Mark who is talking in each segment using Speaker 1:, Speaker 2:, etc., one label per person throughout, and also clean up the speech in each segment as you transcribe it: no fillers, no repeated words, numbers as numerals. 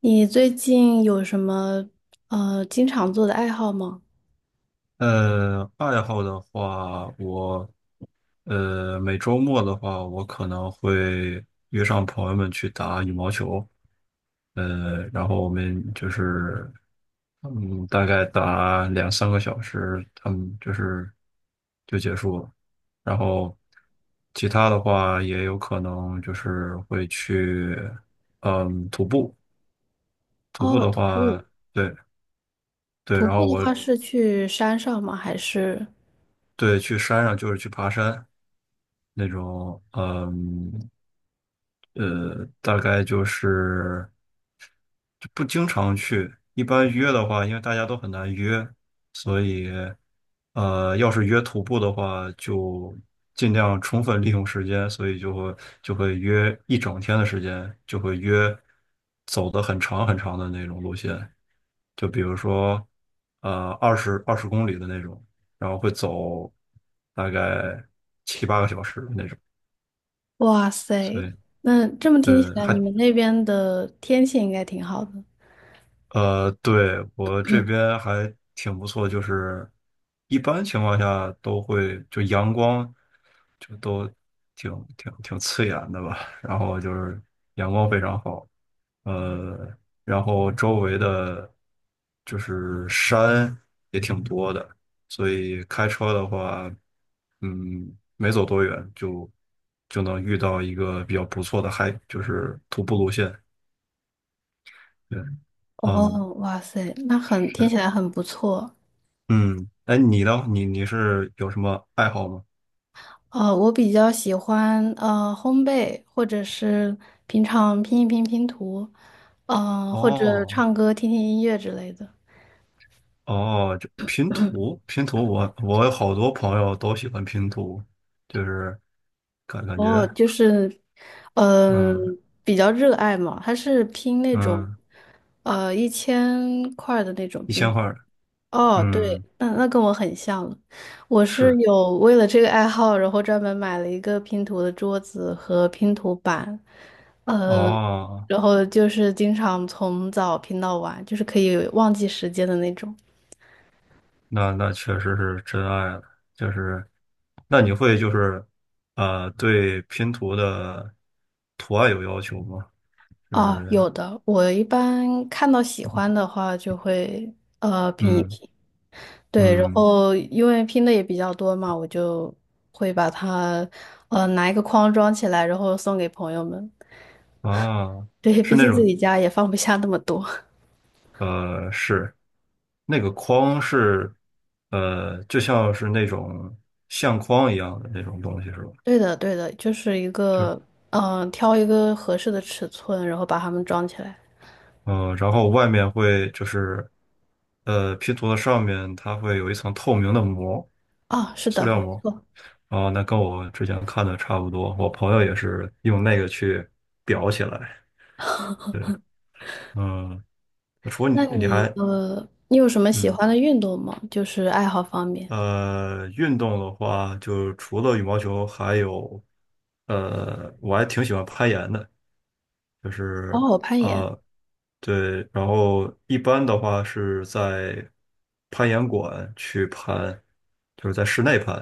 Speaker 1: 你最近有什么经常做的爱好吗？
Speaker 2: 爱好的话，每周末的话，我可能会约上朋友们去打羽毛球，然后我们就是大概打两三个小时，他们就是就结束了。然后其他的话，也有可能就是会去徒步。徒步
Speaker 1: 哦，
Speaker 2: 的
Speaker 1: 徒
Speaker 2: 话，
Speaker 1: 步。
Speaker 2: 对对，
Speaker 1: 徒
Speaker 2: 然
Speaker 1: 步
Speaker 2: 后
Speaker 1: 的话是去山上吗？还是？
Speaker 2: 对，去山上就是去爬山。那种。大概就是就不经常去。一般约的话，因为大家都很难约，所以，要是约徒步的话，就尽量充分利用时间，所以就会约一整天的时间，就会约走的很长很长的那种路线。就比如说，二十公里的那种，然后会走大概七八个小时的那种。
Speaker 1: 哇
Speaker 2: 所
Speaker 1: 塞，
Speaker 2: 以。
Speaker 1: 那这么
Speaker 2: 对，
Speaker 1: 听起来，你们那边的天气应该挺好的。
Speaker 2: 对，我这边还挺不错，就是一般情况下都会就阳光就都挺刺眼的吧，然后就是阳光非常好。呃，然后周围的就是山也挺多的。所以开车的话，没走多远就能遇到一个比较不错的海，就是徒步路线，对。嗯，
Speaker 1: 哦，哇塞，那很听
Speaker 2: 是。
Speaker 1: 起来很不错。
Speaker 2: 嗯，哎，你呢？你是有什么爱好吗？
Speaker 1: 我比较喜欢烘焙，或者是平常拼一拼拼图，或者
Speaker 2: 哦
Speaker 1: 唱歌、听听音乐之类的。
Speaker 2: 哦，就拼图。拼图我有好多朋友都喜欢拼图。就是感感
Speaker 1: 哦，
Speaker 2: 觉。
Speaker 1: 就是，嗯、
Speaker 2: 嗯
Speaker 1: 比较热爱嘛，他是拼那种，
Speaker 2: 嗯。
Speaker 1: 1000块的那种
Speaker 2: 一
Speaker 1: 拼
Speaker 2: 千
Speaker 1: 图。
Speaker 2: 块儿，
Speaker 1: 哦，对，
Speaker 2: 嗯，
Speaker 1: 那跟我很像了。我是
Speaker 2: 是。
Speaker 1: 有为了这个爱好，然后专门买了一个拼图的桌子和拼图板，呃，
Speaker 2: 哦，
Speaker 1: 然后就是经常从早拼到晚，就是可以忘记时间的那种。
Speaker 2: 那确实是真爱了。就是那你会就是对拼图的图案有要求吗？就
Speaker 1: 哦，
Speaker 2: 是
Speaker 1: 有的，我一般看到喜欢的话就会拼一
Speaker 2: 嗯。
Speaker 1: 拼。对，然
Speaker 2: 嗯
Speaker 1: 后因为拼的也比较多嘛，我就会把它，拿一个框装起来，然后送给朋友们。
Speaker 2: 啊，
Speaker 1: 对，毕
Speaker 2: 是那
Speaker 1: 竟自
Speaker 2: 种
Speaker 1: 己家也放不下那么多。
Speaker 2: 是。那个框是，就像是那种相框一样的那种东西是吧？
Speaker 1: 对的，对的，就是一
Speaker 2: 就是。
Speaker 1: 个，挑一个合适的尺寸，然后把它们装起来。
Speaker 2: 嗯、然后外面会就是，拼图的上面它会有一层透明的膜，
Speaker 1: 啊，是
Speaker 2: 塑
Speaker 1: 的，
Speaker 2: 料
Speaker 1: 没
Speaker 2: 膜。
Speaker 1: 错。
Speaker 2: 啊，那跟我之前看的差不多，我朋友也是用那个去裱起来。对。嗯。除了你，
Speaker 1: 那
Speaker 2: 你
Speaker 1: 你，
Speaker 2: 还。
Speaker 1: 你有什么喜
Speaker 2: 嗯。
Speaker 1: 欢的运动吗？就是爱好方面。
Speaker 2: 运动的话，就除了羽毛球，还有，我还挺喜欢攀岩的。就是
Speaker 1: 哦，攀岩。
Speaker 2: 啊，对，然后一般的话是在攀岩馆去攀，就是在室内攀，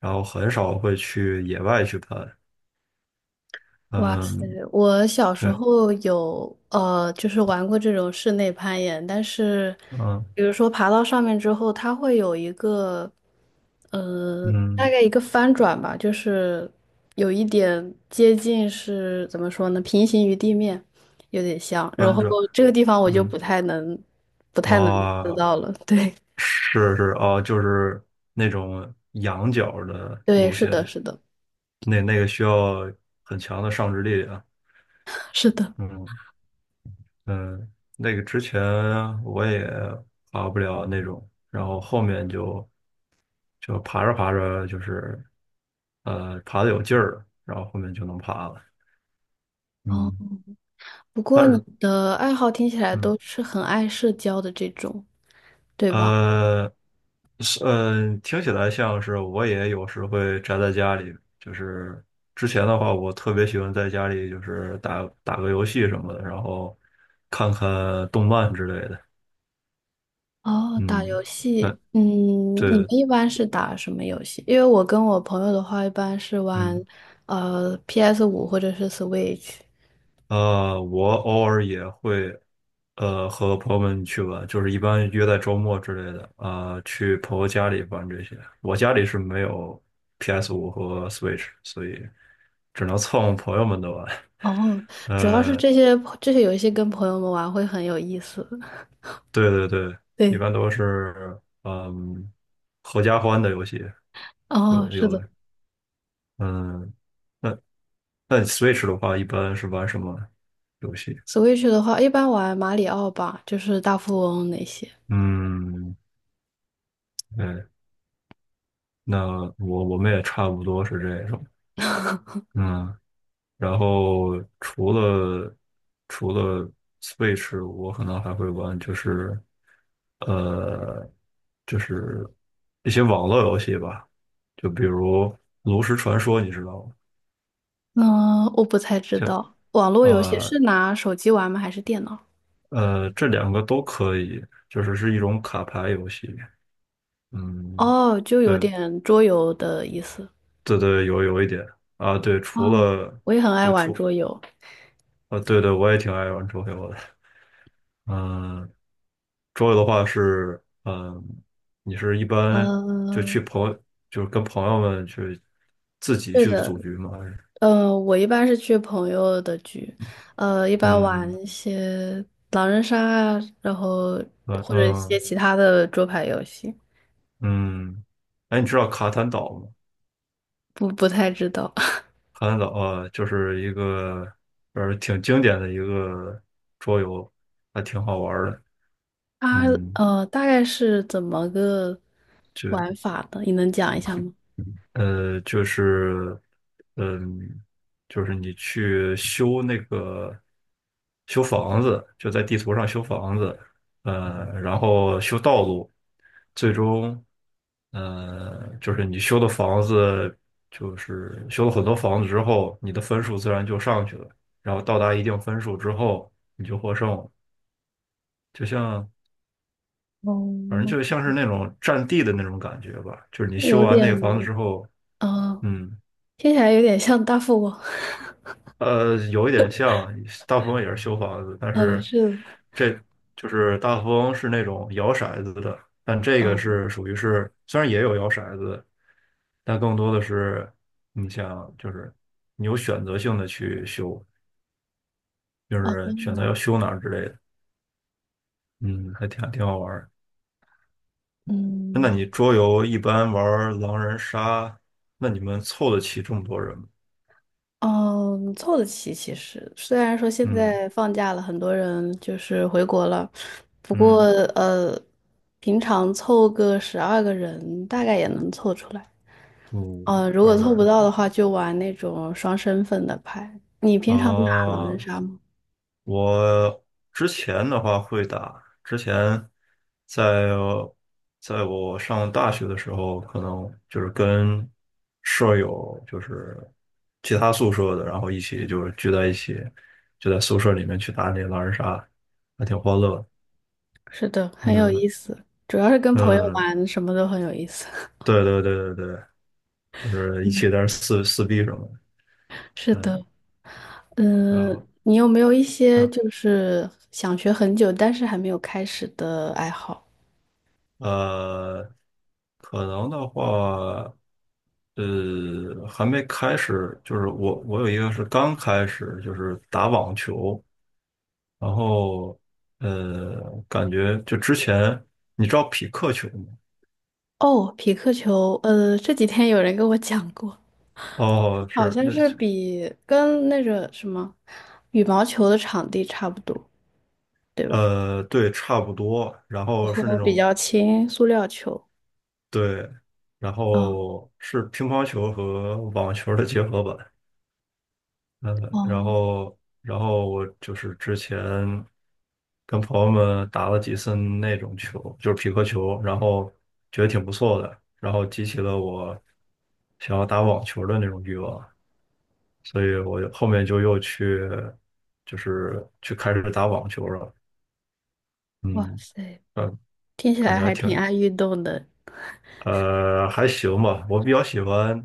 Speaker 2: 然后很少会去野外去攀。
Speaker 1: 哇塞！
Speaker 2: 嗯，
Speaker 1: 我小时
Speaker 2: 对。
Speaker 1: 候有就是玩过这种室内攀岩，但是，
Speaker 2: 嗯
Speaker 1: 比如说爬到上面之后，它会有一个呃，大
Speaker 2: 嗯。
Speaker 1: 概一个翻转吧，就是有一点接近是怎么说呢，平行于地面，有点像。然
Speaker 2: 弯
Speaker 1: 后
Speaker 2: 着。
Speaker 1: 这个地方我就
Speaker 2: 嗯
Speaker 1: 不太能，做
Speaker 2: 啊，
Speaker 1: 到了。对，
Speaker 2: 是是啊，就是那种仰角的
Speaker 1: 对，
Speaker 2: 路
Speaker 1: 是的，
Speaker 2: 线。
Speaker 1: 是的，
Speaker 2: 那个需要很强的上肢力量。
Speaker 1: 是的。
Speaker 2: 嗯嗯。那个之前我也爬不了那种，然后后面就爬着爬着就是爬的有劲儿了，然后后面就能爬了。
Speaker 1: 哦，
Speaker 2: 嗯，
Speaker 1: 不
Speaker 2: 但
Speaker 1: 过你
Speaker 2: 是。
Speaker 1: 的爱好听起来都
Speaker 2: 嗯。
Speaker 1: 是很爱社交的这种，对吧？
Speaker 2: 呃，是。嗯，听起来像是我也有时会宅在家里。就是之前的话，我特别喜欢在家里就是打打个游戏什么的，然后看看动漫之类的。
Speaker 1: 哦，打游
Speaker 2: 嗯。嗯，
Speaker 1: 戏，嗯，你们
Speaker 2: 对。
Speaker 1: 一般是打什么游戏？因为我跟我朋友的话，一般是玩
Speaker 2: 嗯。
Speaker 1: PS5或者是 Switch。
Speaker 2: 我偶尔也会，和朋友们去玩，就是一般约在周末之类的，啊、去朋友家里玩这些。我家里是没有 PS5和 Switch，所以只能蹭朋友们的玩。
Speaker 1: 哦，主要是
Speaker 2: 呃，
Speaker 1: 这些游戏跟朋友们玩会很有意思。
Speaker 2: 对对对，一
Speaker 1: 对，
Speaker 2: 般都是嗯，合家欢的游戏，有
Speaker 1: 哦，
Speaker 2: 的
Speaker 1: 是
Speaker 2: 有
Speaker 1: 的
Speaker 2: 的。嗯，那那 Switch 的话，一般是玩什么游戏？
Speaker 1: ，Switch 的话，一般玩马里奥吧，就是大富翁那些。
Speaker 2: 嗯，对。那我们也差不多是这种。嗯，然后除了 Switch，我可能还会玩就是呃，就是一些网络游戏吧，就比如《炉石传说》，你知道吗？
Speaker 1: 嗯，我不太知
Speaker 2: 就。
Speaker 1: 道，网络游戏
Speaker 2: 呃
Speaker 1: 是拿手机玩吗？还是电脑？
Speaker 2: 这两个都可以，就是一种卡牌游戏。嗯，
Speaker 1: 哦，就有
Speaker 2: 对
Speaker 1: 点桌游的意思。
Speaker 2: 对对，有一点啊，对，除
Speaker 1: 哦，
Speaker 2: 了
Speaker 1: 我也很爱
Speaker 2: 对
Speaker 1: 玩
Speaker 2: 除
Speaker 1: 桌游。
Speaker 2: 啊，对对，我也挺爱玩桌游的。嗯。桌游的话是，嗯，你是一般就
Speaker 1: 嗯，
Speaker 2: 去朋友，就是跟朋友们去自己
Speaker 1: 对
Speaker 2: 去
Speaker 1: 的，
Speaker 2: 组局吗？还是
Speaker 1: 我一般是去朋友的局，一般玩
Speaker 2: 嗯。
Speaker 1: 一些狼人杀啊，然后
Speaker 2: 嗯
Speaker 1: 或者一些
Speaker 2: 嗯
Speaker 1: 其他的桌牌游戏，
Speaker 2: 嗯，哎，你知道卡坦岛吗？
Speaker 1: 不太知道。
Speaker 2: 卡坦岛啊，就是一个挺经典的一个桌游，还挺好玩儿的。
Speaker 1: 它
Speaker 2: 嗯。
Speaker 1: 大概是怎么个
Speaker 2: 就。
Speaker 1: 玩法的，你能讲一下吗？
Speaker 2: 就是，嗯，就是你去修那个修房子，就在地图上修房子。然后修道路。最终，就是你修的房子，就是修了很多房子之后，你的分数自然就上去了，然后到达一定分数之后，你就获胜了。就像，反正
Speaker 1: 哦，
Speaker 2: 就像是那种占地的那种感觉吧，就是你修
Speaker 1: 有
Speaker 2: 完那个房子
Speaker 1: 点，
Speaker 2: 之后。
Speaker 1: 呃，
Speaker 2: 嗯。
Speaker 1: 听起来有点像大富翁。
Speaker 2: 有一点像。大富翁也是修房子，但是
Speaker 1: 是，
Speaker 2: 这就是大富翁是那种摇骰子的，但这个
Speaker 1: 嗯，
Speaker 2: 是属于是虽然也有摇骰子，但更多的是你想就是你有选择性的去修，就
Speaker 1: 哦
Speaker 2: 是选择
Speaker 1: 哦，
Speaker 2: 要修哪儿之类的。嗯。还挺好玩儿。那
Speaker 1: 嗯。
Speaker 2: 你桌游一般玩儿狼人杀，那你们凑得齐这么多人吗？
Speaker 1: 嗯，凑得齐。其实虽然说现
Speaker 2: 嗯
Speaker 1: 在放假了，很多人就是回国了，不过
Speaker 2: 嗯，
Speaker 1: 呃，平常凑个12个人大概也能凑出来。
Speaker 2: 五
Speaker 1: 如
Speaker 2: 十
Speaker 1: 果
Speaker 2: 二个
Speaker 1: 凑不
Speaker 2: 人
Speaker 1: 到的话，就玩那种双身份的牌。你
Speaker 2: 啊，
Speaker 1: 平常打狼人
Speaker 2: 哦。
Speaker 1: 杀吗？
Speaker 2: 我之前的话会打。之前在在我上大学的时候，可能就是跟舍友，就是其他宿舍的，然后一起就是聚在一起，就在宿舍里面去打那狼人杀，还挺欢乐的。
Speaker 1: 是的，很有
Speaker 2: 嗯
Speaker 1: 意思，主要是跟朋友
Speaker 2: 嗯，
Speaker 1: 玩，什么都很有意思。
Speaker 2: 对对对对对，就 是一
Speaker 1: 嗯，
Speaker 2: 起在那儿撕撕逼什么的。
Speaker 1: 是
Speaker 2: 嗯，
Speaker 1: 的，
Speaker 2: 然
Speaker 1: 嗯，
Speaker 2: 后
Speaker 1: 你有没有一些
Speaker 2: 嗯。
Speaker 1: 就是想学很久但是还没有开始的爱好？
Speaker 2: 呃，可能的话，还没开始。就是我有一个是刚开始，就是打网球。然后呃，感觉就之前你知道匹克球吗？
Speaker 1: 哦，匹克球，这几天有人跟我讲过，
Speaker 2: 哦，
Speaker 1: 好
Speaker 2: 是
Speaker 1: 像
Speaker 2: 那。
Speaker 1: 是比跟那个什么羽毛球的场地差不多，对吧？
Speaker 2: 对，差不多，然
Speaker 1: 然
Speaker 2: 后是那
Speaker 1: 后比
Speaker 2: 种。
Speaker 1: 较轻，塑料球。
Speaker 2: 对，然
Speaker 1: 哦
Speaker 2: 后是乒乓球和网球的结合版。嗯，然
Speaker 1: 哦，
Speaker 2: 后然后我就是之前跟朋友们打了几次那种球，就是匹克球，然后觉得挺不错的，然后激起了我想要打网球的那种欲望，所以我就后面就又去去开始打网球了。
Speaker 1: 哇
Speaker 2: 嗯。
Speaker 1: 塞，
Speaker 2: 嗯，
Speaker 1: 听起
Speaker 2: 感
Speaker 1: 来
Speaker 2: 觉还
Speaker 1: 还
Speaker 2: 挺。
Speaker 1: 挺爱运动的。
Speaker 2: 还行吧。我比较喜欢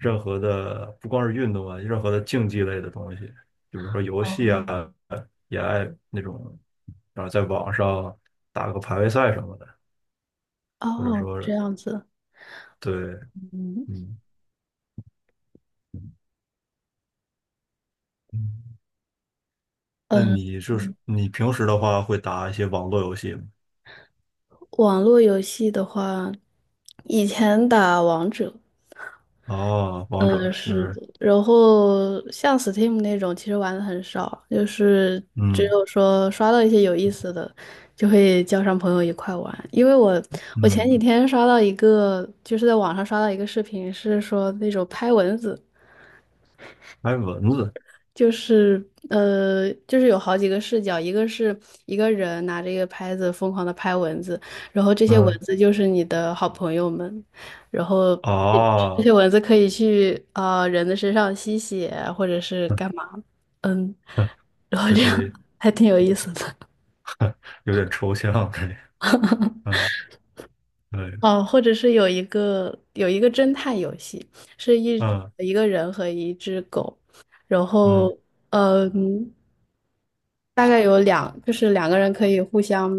Speaker 2: 任何的，不光是运动啊，任何的竞技类的东西，就比如说游戏啊，
Speaker 1: 哦
Speaker 2: 也爱那种，然后在网上打个排位赛什么的，或者
Speaker 1: 哦，
Speaker 2: 说
Speaker 1: 这样子。
Speaker 2: 对。
Speaker 1: 嗯
Speaker 2: 嗯嗯。那
Speaker 1: 嗯，
Speaker 2: 你就是
Speaker 1: 嗯
Speaker 2: 你平时的话会打一些网络游戏吗？
Speaker 1: 网络游戏的话，以前打王者，
Speaker 2: 哦，王者
Speaker 1: 嗯，
Speaker 2: 是不
Speaker 1: 是的。
Speaker 2: 是？
Speaker 1: 然后像 Steam 那种，其实玩的很少，就是只
Speaker 2: 嗯
Speaker 1: 有说刷到一些有意思的，就会叫上朋友一块玩。因为我前几
Speaker 2: 嗯。
Speaker 1: 天刷到一个，就是在网上刷到一个视频，是说那种拍蚊子。
Speaker 2: 还有蚊子。
Speaker 1: 就是就是有好几个视角，一个是一个人拿着一个拍子疯狂的拍蚊子，然后这些蚊
Speaker 2: 嗯
Speaker 1: 子就是你的好朋友们，然后这这
Speaker 2: 哦。
Speaker 1: 些蚊子可以去啊、人的身上吸血啊或者是干嘛，嗯，然后
Speaker 2: 有
Speaker 1: 这样
Speaker 2: 点。
Speaker 1: 还挺有意思的。
Speaker 2: 有点抽象，对。嗯。对。
Speaker 1: 哦，或者是有一个侦探游戏，是一
Speaker 2: 嗯。
Speaker 1: 一个人和一只狗，然
Speaker 2: 嗯
Speaker 1: 后。嗯，大概有就是两个人可以互相，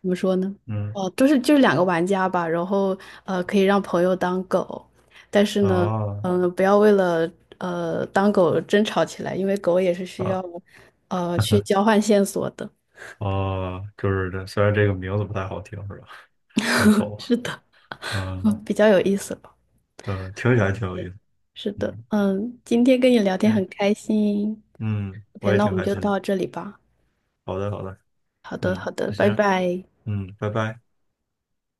Speaker 1: 怎么说呢？
Speaker 2: 嗯
Speaker 1: 哦，就是两个玩家吧，然后可以让朋友当狗，但是呢，
Speaker 2: 啊。
Speaker 1: 不要为了当狗争吵起来，因为狗也是需
Speaker 2: 啊
Speaker 1: 要去交换线索的。
Speaker 2: 啊，就是这，虽然这个名字不太好听，是吧？这个狗。
Speaker 1: 是的，
Speaker 2: 嗯
Speaker 1: 比较有意思吧？
Speaker 2: 听起来挺有
Speaker 1: k
Speaker 2: 意思。
Speaker 1: 是的，
Speaker 2: 嗯
Speaker 1: 嗯，今天跟你聊天很
Speaker 2: 嗯
Speaker 1: 开心。
Speaker 2: 嗯，
Speaker 1: OK，
Speaker 2: 我也
Speaker 1: 那我
Speaker 2: 挺
Speaker 1: 们
Speaker 2: 开
Speaker 1: 就
Speaker 2: 心的。
Speaker 1: 到这里吧。
Speaker 2: 好的好的。
Speaker 1: 好的，
Speaker 2: 嗯，
Speaker 1: 好的，
Speaker 2: 那
Speaker 1: 拜
Speaker 2: 行。
Speaker 1: 拜。
Speaker 2: 嗯，拜拜。